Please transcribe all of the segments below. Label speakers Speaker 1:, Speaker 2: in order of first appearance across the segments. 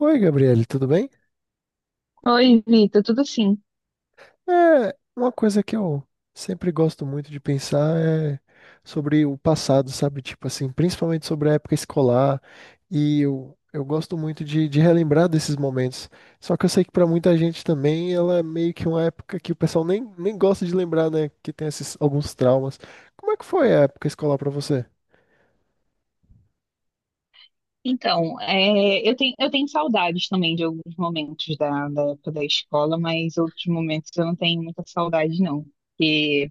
Speaker 1: Oi, Gabriele, tudo bem?
Speaker 2: Oi, Vitor, tudo sim?
Speaker 1: É, uma coisa que eu sempre gosto muito de pensar é sobre o passado, sabe? Tipo assim, principalmente sobre a época escolar. E eu gosto muito de relembrar desses momentos. Só que eu sei que para muita gente também ela é meio que uma época que o pessoal nem gosta de lembrar, né? Que tem esses alguns traumas. Como é que foi a época escolar para você?
Speaker 2: Então, eu tenho saudades também de alguns momentos da época da escola, mas outros momentos eu não tenho muita saudade, não. Porque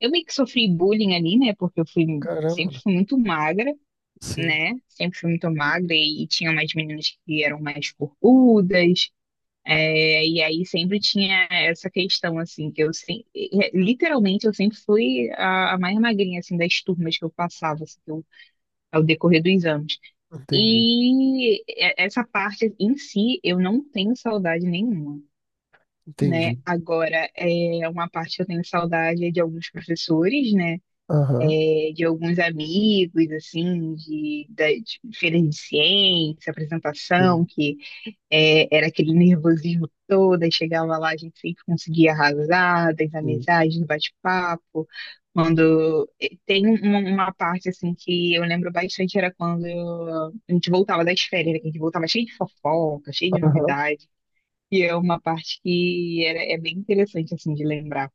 Speaker 2: eu meio que sofri bullying ali, né? Sempre
Speaker 1: Caramba,
Speaker 2: fui muito magra,
Speaker 1: sim,
Speaker 2: né? Sempre fui muito magra e tinha mais meninas que eram mais corpudas. E aí sempre tinha essa questão, assim, literalmente eu sempre fui a mais magrinha, assim, das turmas que eu passava, assim, ao decorrer dos anos.
Speaker 1: entendi,
Speaker 2: Essa parte em si eu não tenho saudade nenhuma, né?
Speaker 1: entendi.
Speaker 2: Agora, é uma parte que eu tenho saudade é de alguns professores, né?
Speaker 1: Aham,
Speaker 2: É, de alguns amigos, assim, das feiras de ciência, apresentação,
Speaker 1: sim,
Speaker 2: que era aquele nervosismo todo, aí chegava lá, a gente sempre conseguia arrasar, das
Speaker 1: sim.
Speaker 2: amizades, do bate-papo. Quando tem uma parte assim que eu lembro bastante era quando a gente voltava das férias, né, que a gente voltava cheio de fofoca, cheio de
Speaker 1: Aham.
Speaker 2: novidade. E é uma parte que é bem interessante assim de lembrar.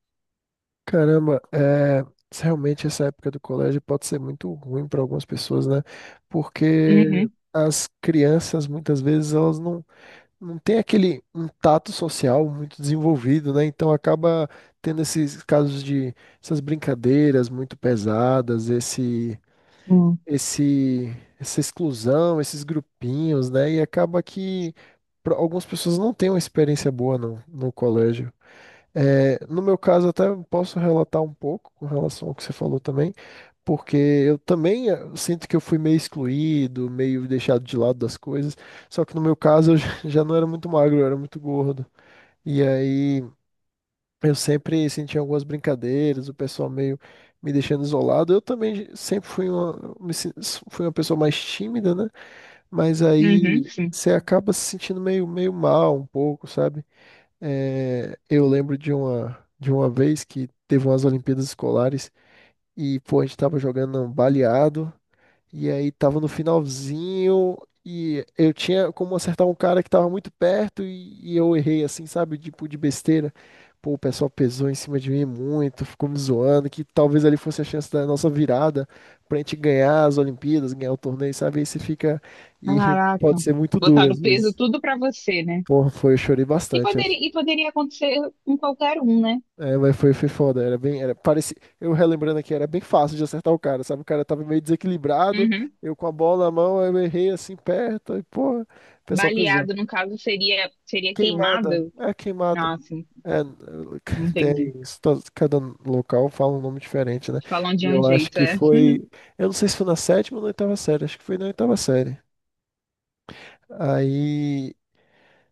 Speaker 1: Caramba, é, realmente essa época do colégio pode ser muito ruim para algumas pessoas, né? Porque
Speaker 2: Uhum.
Speaker 1: as crianças, muitas vezes, elas não, não têm aquele um tato social muito desenvolvido, né? Então acaba tendo esses casos de essas brincadeiras muito pesadas,
Speaker 2: Hum.
Speaker 1: esse, essa exclusão, esses grupinhos, né? E acaba que pra- algumas pessoas não têm uma experiência boa no colégio. É, no meu caso, até posso relatar um pouco com relação ao que você falou também, porque eu também sinto que eu fui meio excluído, meio deixado de lado das coisas. Só que no meu caso, eu já já não era muito magro, eu era muito gordo. E aí eu sempre sentia algumas brincadeiras, o pessoal meio me deixando isolado. Eu também sempre fui uma, me sen- fui uma pessoa mais tímida, né? Mas
Speaker 2: Uhum,
Speaker 1: aí
Speaker 2: sim.
Speaker 1: você acaba se sentindo meio mal um pouco, sabe? É, eu lembro de uma vez que teve umas Olimpíadas Escolares e, pô, a gente tava jogando um baleado e aí tava no finalzinho e eu tinha como acertar um cara que tava muito perto e eu errei, assim, sabe? Tipo, de besteira. Pô, o pessoal pesou em cima de mim muito, ficou me zoando, que talvez ali fosse a chance da nossa virada pra gente ganhar as Olimpíadas, ganhar o torneio, sabe? Aí você fica... E
Speaker 2: Caraca.
Speaker 1: pode ser muito duro
Speaker 2: Botaram o
Speaker 1: às
Speaker 2: peso
Speaker 1: vezes.
Speaker 2: tudo pra você, né?
Speaker 1: Pô, foi, eu chorei
Speaker 2: E poderia,
Speaker 1: bastante.
Speaker 2: e poderia acontecer com qualquer um, né?
Speaker 1: É, mas foi, foi foda, era bem, era, parecia, eu relembrando aqui, era bem fácil de acertar o cara, sabe? O cara tava meio desequilibrado,
Speaker 2: Uhum.
Speaker 1: eu com a bola na mão, eu errei assim perto, e porra, o pessoal pesou.
Speaker 2: Baleado, no caso, seria queimado?
Speaker 1: Queimada.
Speaker 2: Nossa,
Speaker 1: É,
Speaker 2: entendi.
Speaker 1: tem isso, to- cada local fala um nome diferente, né?
Speaker 2: Falam
Speaker 1: E
Speaker 2: de um
Speaker 1: eu acho
Speaker 2: jeito,
Speaker 1: que
Speaker 2: é.
Speaker 1: foi, eu não sei se foi na sétima ou na oitava série, acho que foi na oitava série. Aí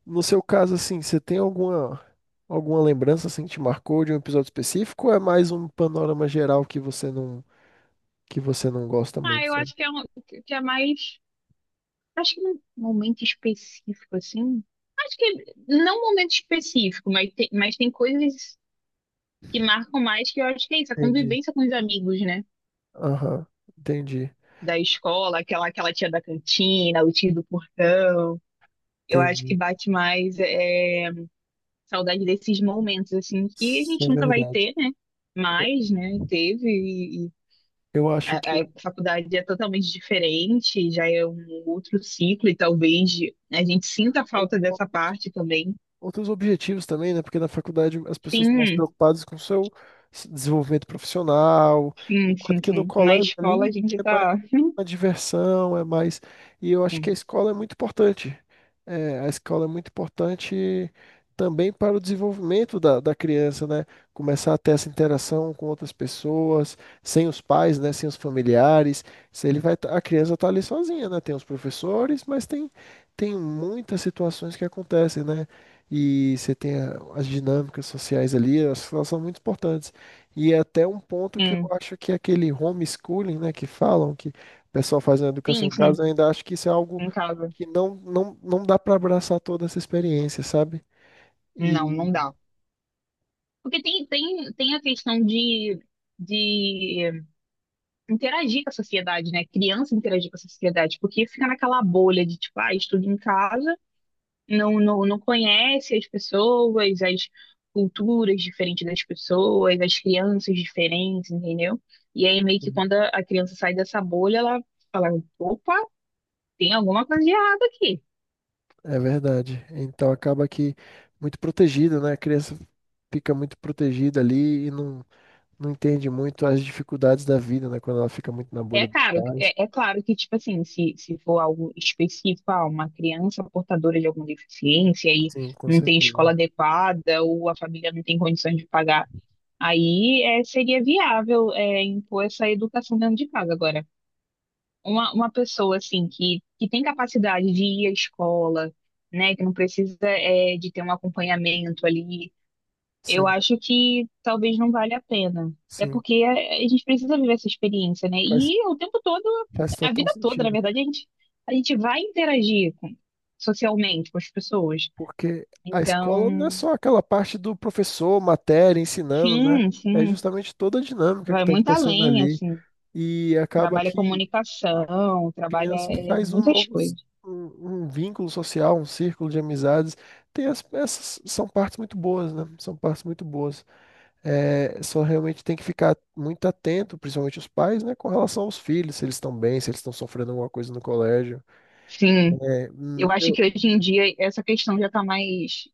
Speaker 1: no seu caso, assim, você tem alguma lembrança assim que te marcou de um episódio específico ou é mais um panorama geral que você não gosta
Speaker 2: Ah,
Speaker 1: muito,
Speaker 2: eu
Speaker 1: sabe?
Speaker 2: acho que é mais. Acho que num momento específico, assim. Acho que não um momento específico, mas tem coisas que marcam mais, que eu acho que é isso, a
Speaker 1: Entendi.
Speaker 2: convivência com os amigos, né?
Speaker 1: Aham. Entendi.
Speaker 2: Da escola, aquela tia da cantina, o tio do portão. Eu acho
Speaker 1: Entendi.
Speaker 2: que bate mais. Saudade desses momentos, assim, que a
Speaker 1: Isso é
Speaker 2: gente nunca vai
Speaker 1: verdade.
Speaker 2: ter, né? Mas, né, teve, e
Speaker 1: Eu acho que
Speaker 2: a faculdade é totalmente diferente, já é um outro ciclo, e talvez a gente sinta a falta
Speaker 1: eu,
Speaker 2: dessa parte também.
Speaker 1: outros objetivos também, né? Porque na faculdade as pessoas estão mais
Speaker 2: Sim,
Speaker 1: preocupadas com o seu s- desenvolvimento profissional,
Speaker 2: sim,
Speaker 1: enquanto
Speaker 2: sim,
Speaker 1: que no
Speaker 2: sim. Na
Speaker 1: colégio
Speaker 2: escola a
Speaker 1: ali
Speaker 2: gente
Speaker 1: é mais
Speaker 2: tá.
Speaker 1: uma diversão, é mais. E eu acho que a
Speaker 2: Sim,
Speaker 1: escola é muito importante. É, a escola é muito importante também para o desenvolvimento da criança, né? Começar a ter essa interação com outras pessoas, sem os pais, né? Sem os familiares. Se ele vai, tá- a criança está ali sozinha, né? Tem os professores, tem muitas situações que acontecem, né? E você tem a- as dinâmicas sociais ali, elas são muito importantes. E é até um ponto que eu
Speaker 2: sim,
Speaker 1: acho que é aquele homeschooling, né, que falam que o pessoal faz a educação
Speaker 2: sim,
Speaker 1: em
Speaker 2: sim,
Speaker 1: casa, eu ainda acho que isso é algo
Speaker 2: em casa.
Speaker 1: que não dá para abraçar toda essa experiência, sabe?
Speaker 2: Não, não
Speaker 1: E
Speaker 2: dá. Porque tem a questão de. De interagir com a sociedade, né? Criança interagir com a sociedade, porque fica naquela bolha de tipo, ah, estudo em casa, não conhece as pessoas, as culturas diferentes das pessoas, as crianças diferentes, entendeu? E aí meio que quando a criança sai dessa bolha, ela fala, opa, tem alguma coisa de errado aqui.
Speaker 1: é verdade. Então acaba que muito protegido, né? A criança fica muito protegida ali não entende muito as dificuldades da vida, né? Quando ela fica muito na bolha dos pais.
Speaker 2: É claro que, tipo assim, se for algo específico, ah, uma criança portadora de alguma deficiência e
Speaker 1: Sim, com
Speaker 2: não tem
Speaker 1: certeza.
Speaker 2: escola adequada ou a família não tem condições de pagar, aí seria viável impor essa educação dentro de casa agora. Uma pessoa assim que tem capacidade de ir à escola, né, que não precisa de ter um acompanhamento ali, eu
Speaker 1: Sim,
Speaker 2: acho que talvez não vale a pena. É
Speaker 1: sim.
Speaker 2: porque a gente precisa viver essa experiência, né?
Speaker 1: Faz
Speaker 2: E o tempo todo,
Speaker 1: Faz
Speaker 2: a
Speaker 1: total
Speaker 2: vida toda, na
Speaker 1: sentido,
Speaker 2: verdade, a gente vai socialmente com as pessoas.
Speaker 1: porque a escola não é
Speaker 2: Então,
Speaker 1: só aquela parte do professor, matéria, ensinando, né?
Speaker 2: sim,
Speaker 1: É
Speaker 2: sim,
Speaker 1: justamente toda a dinâmica que
Speaker 2: vai
Speaker 1: está
Speaker 2: muito
Speaker 1: acontecendo
Speaker 2: além,
Speaker 1: ali.
Speaker 2: assim.
Speaker 1: E acaba
Speaker 2: Trabalha
Speaker 1: que a
Speaker 2: comunicação, trabalha
Speaker 1: criança faz
Speaker 2: muitas coisas.
Speaker 1: um vínculo social, um círculo de amizades. Tem as, essas são partes muito boas, né? São partes muito boas. É, só realmente tem que ficar muito atento, principalmente os pais, né? Com relação aos filhos, se eles estão bem, se eles estão sofrendo alguma coisa no colégio.
Speaker 2: Sim.
Speaker 1: É,
Speaker 2: Eu acho que hoje em dia essa questão já está mais.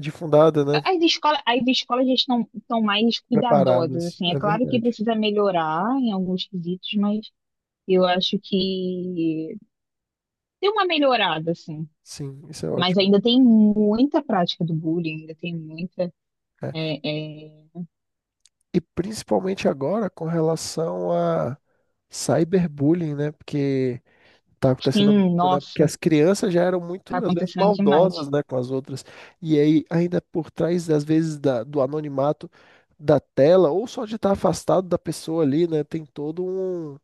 Speaker 1: de fundada, né?
Speaker 2: As escolas já estão mais cuidadosas,
Speaker 1: Preparadas,
Speaker 2: assim. É
Speaker 1: é
Speaker 2: claro que
Speaker 1: verdade.
Speaker 2: precisa melhorar em alguns quesitos, mas eu acho que tem uma melhorada, assim.
Speaker 1: Sim, isso é
Speaker 2: Mas
Speaker 1: ótimo.
Speaker 2: ainda tem muita prática do bullying, ainda tem muita.
Speaker 1: É.
Speaker 2: é, é,
Speaker 1: E principalmente agora com relação a cyberbullying, né? Porque tá acontecendo
Speaker 2: Sim,
Speaker 1: muito, né? Porque
Speaker 2: nossa,
Speaker 1: as crianças já eram
Speaker 2: tá
Speaker 1: muito, às vezes,
Speaker 2: acontecendo demais.
Speaker 1: maldosas, né, com as outras. E aí, ainda por trás, às vezes, da- do anonimato da tela, ou só de estar afastado da pessoa ali, né? Tem todo um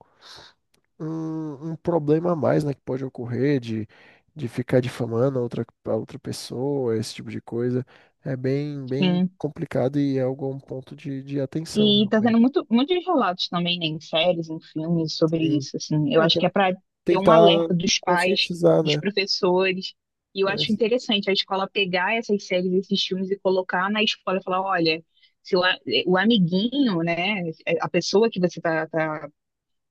Speaker 1: um problema a mais, né, que pode ocorrer de ficar difamando a outra pessoa, esse tipo de coisa. É bem, bem
Speaker 2: Sim.
Speaker 1: complicado e é algo um ponto de atenção,
Speaker 2: E tá tendo
Speaker 1: realmente.
Speaker 2: muito, muitos relatos também, né, em séries, em filmes sobre
Speaker 1: Sim.
Speaker 2: isso, assim. Eu
Speaker 1: É,
Speaker 2: acho
Speaker 1: para
Speaker 2: que é para ter um
Speaker 1: tentar
Speaker 2: alerta dos pais,
Speaker 1: conscientizar,
Speaker 2: dos
Speaker 1: né?
Speaker 2: professores. E eu
Speaker 1: É,
Speaker 2: acho interessante a escola pegar essas séries, esses filmes e colocar na escola e falar, olha, se o amiguinho, né, a pessoa que você tá, tá,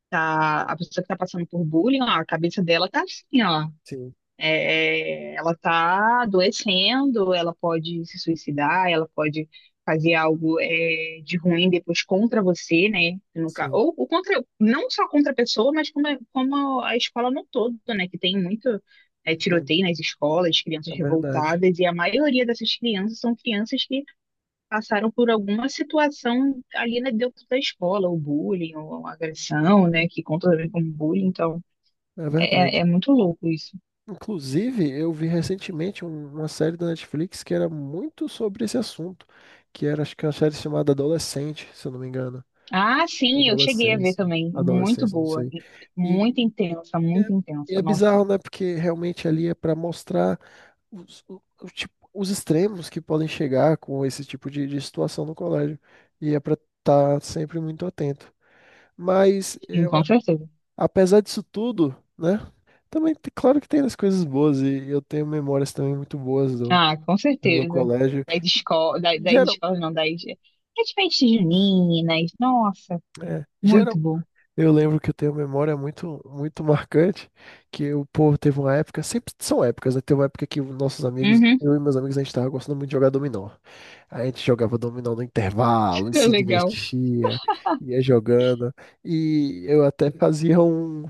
Speaker 2: tá- a pessoa que tá passando por bullying, ó, a cabeça dela tá assim, ó.
Speaker 1: sim,
Speaker 2: Ela está adoecendo, ela pode se suicidar, ela pode fazer algo de ruim depois contra você, né?
Speaker 1: sim,
Speaker 2: Ou contra, não só contra a pessoa, mas como, como a escola no todo, né? Que tem muito
Speaker 1: sim.
Speaker 2: tiroteio nas escolas,
Speaker 1: É
Speaker 2: crianças
Speaker 1: verdade.
Speaker 2: revoltadas, e a maioria dessas crianças são crianças que passaram por alguma situação ali, né, dentro da escola, ou bullying, ou agressão, né? Que conta também como bullying. Então
Speaker 1: É verdade.
Speaker 2: é muito louco isso.
Speaker 1: Inclusive, eu vi recentemente um- uma série da Netflix que era muito sobre esse assunto, que era, acho que uma série chamada Adolescente, se eu não me engano.
Speaker 2: Ah, sim, eu cheguei a ver
Speaker 1: Adolescência.
Speaker 2: também. Muito
Speaker 1: Adolescência, não
Speaker 2: boa.
Speaker 1: sei.
Speaker 2: E
Speaker 1: E
Speaker 2: muito intensa,
Speaker 1: é,
Speaker 2: muito
Speaker 1: e
Speaker 2: intensa.
Speaker 1: é
Speaker 2: Nossa,
Speaker 1: bizarro, né? Porque realmente ali é para mostrar os, o tipo- os extremos que podem chegar com esse tipo de situação no colégio. E é para estar sempre muito atento. Mas,
Speaker 2: sim,
Speaker 1: eu-
Speaker 2: com certeza.
Speaker 1: apesar disso tudo, né? Também, tem- claro que tem as coisas boas. E eu tenho memórias também muito boas do,
Speaker 2: Ah, com
Speaker 1: do meu
Speaker 2: certeza.
Speaker 1: colégio.
Speaker 2: Das escolas, das, das
Speaker 1: Geral,
Speaker 2: escolas não, das, das festas juninas. Nossa,
Speaker 1: é,
Speaker 2: muito
Speaker 1: geral,
Speaker 2: bom.
Speaker 1: eu lembro que eu tenho uma memória muito, muito marcante, que o povo teve uma época, sempre são épocas, né? Teve uma época que os nossos amigos,
Speaker 2: Uhum.
Speaker 1: eu e meus amigos, a gente tava gostando muito de jogar dominó. A gente jogava dominó no intervalo e se
Speaker 2: Legal.
Speaker 1: divertia, ia jogando. E eu até fazia um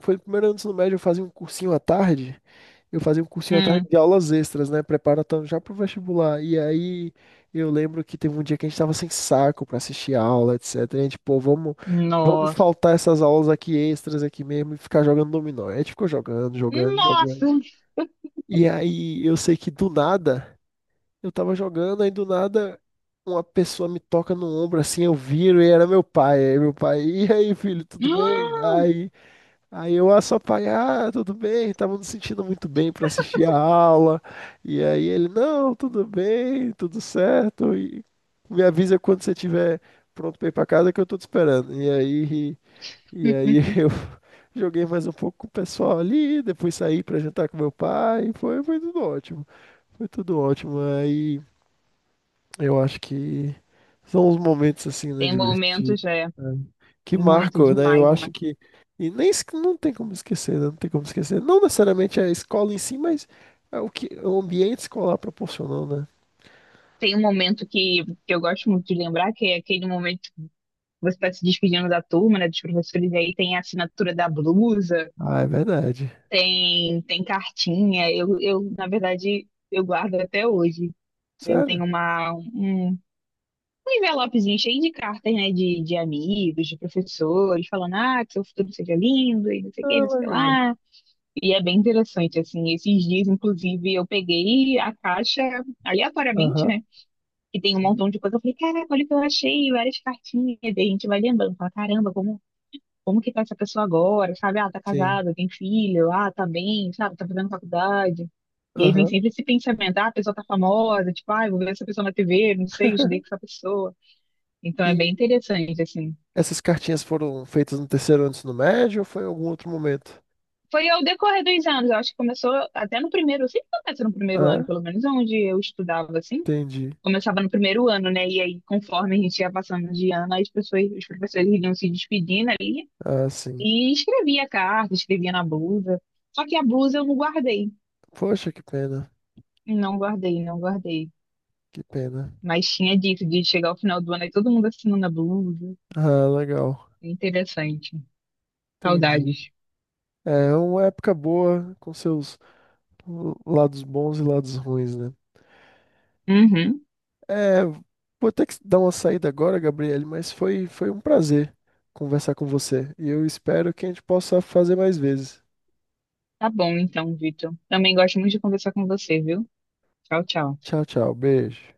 Speaker 1: foi no 1º ano do ensino médio, eu fazia um cursinho à tarde. Eu fazia um cursinho à tarde
Speaker 2: Hum,
Speaker 1: de aulas extras, né? Preparatando já pro vestibular. E aí eu lembro que teve um dia que a gente tava sem saco pra assistir a aula, etc. E a gente, pô, vamos
Speaker 2: nossa.
Speaker 1: faltar essas aulas aqui extras aqui mesmo e ficar jogando dominó. Aí a gente ficou jogando, jogando,
Speaker 2: Nossa!
Speaker 1: jogando. E aí eu sei que do nada, eu tava jogando, aí do nada uma pessoa me toca no ombro assim, eu viro e era meu pai. Aí meu pai, e aí, filho, tudo bem?
Speaker 2: Ah,
Speaker 1: Aí eu ah, só pai, ah, tudo bem, tava me sentindo muito bem para assistir a aula. E aí ele, não, tudo bem, tudo certo. E me avisa quando você estiver pronto para ir para casa que eu tô te esperando. E aí eu joguei mais um pouco com o pessoal ali, depois saí para jantar com meu pai. Foi, foi tudo ótimo. Foi tudo ótimo. Aí eu acho que são os momentos assim, né,
Speaker 2: tem
Speaker 1: divertidos.
Speaker 2: momentos, é,
Speaker 1: É que
Speaker 2: muito
Speaker 1: marcou, né?
Speaker 2: demais,
Speaker 1: Eu acho
Speaker 2: demais.
Speaker 1: que. E nem es- não tem como esquecer, né? Não tem como esquecer. Não necessariamente é a escola em si, mas é o que o ambiente escolar proporcionou, né?
Speaker 2: Tem um momento que eu gosto muito de lembrar, que é aquele momento que você está se despedindo da turma, né, dos professores, e aí tem a assinatura da blusa.
Speaker 1: Ah, é verdade.
Speaker 2: Tem, tem cartinha. Na verdade, eu guardo até hoje. Eu
Speaker 1: Sério?
Speaker 2: tenho um envelopezinho cheio de cartas, né? De amigos, de professores, falando, ah, que seu futuro seja lindo e não sei o que,
Speaker 1: Ah,
Speaker 2: não sei o que
Speaker 1: legal.
Speaker 2: lá. E é bem interessante, assim. Esses dias, inclusive, eu peguei a caixa aleatoriamente,
Speaker 1: Aham.
Speaker 2: né? Que tem um
Speaker 1: Sim.
Speaker 2: montão de coisa. Eu falei, caraca, olha o que eu achei, várias cartinhas. E daí a gente vai lembrando, fala, caramba, como que tá essa pessoa agora, sabe? Ah, tá
Speaker 1: Sim.
Speaker 2: casada, tem filho, ah, tá bem, sabe? Tá fazendo faculdade. E aí vem
Speaker 1: Aham.
Speaker 2: sempre esse pensamento, ah, a pessoa tá famosa, tipo, ah, eu vou ver essa pessoa na TV, não sei, estudei com essa pessoa. Então é
Speaker 1: E
Speaker 2: bem interessante, assim.
Speaker 1: essas cartinhas foram feitas no 3º ano do ensino médio ou foi em algum outro momento?
Speaker 2: Foi ao decorrer dos anos, eu acho que começou até no primeiro, sempre começa no 1º ano,
Speaker 1: Ah,
Speaker 2: pelo menos onde eu estudava, assim.
Speaker 1: entendi.
Speaker 2: Começava no 1º ano, né? E aí, conforme a gente ia passando de ano, as pessoas, os professores iam se despedindo ali
Speaker 1: Ah, sim.
Speaker 2: e escrevia carta, escrevia na blusa. Só que a blusa eu não guardei.
Speaker 1: Poxa, que pena.
Speaker 2: Não guardei, não guardei.
Speaker 1: Que pena.
Speaker 2: Mas tinha dito de chegar ao final do ano e todo mundo assinando a blusa.
Speaker 1: Ah, legal.
Speaker 2: É interessante.
Speaker 1: Entendi.
Speaker 2: Saudades.
Speaker 1: É uma época boa com seus lados bons e lados ruins, né?
Speaker 2: Uhum.
Speaker 1: É, vou ter que dar uma saída agora, Gabriele, mas foi, foi um prazer conversar com você. E eu espero que a gente possa fazer mais vezes.
Speaker 2: Tá bom então, Vitor. Também gosto muito de conversar com você, viu? Tchau, tchau.
Speaker 1: Tchau, tchau. Beijo.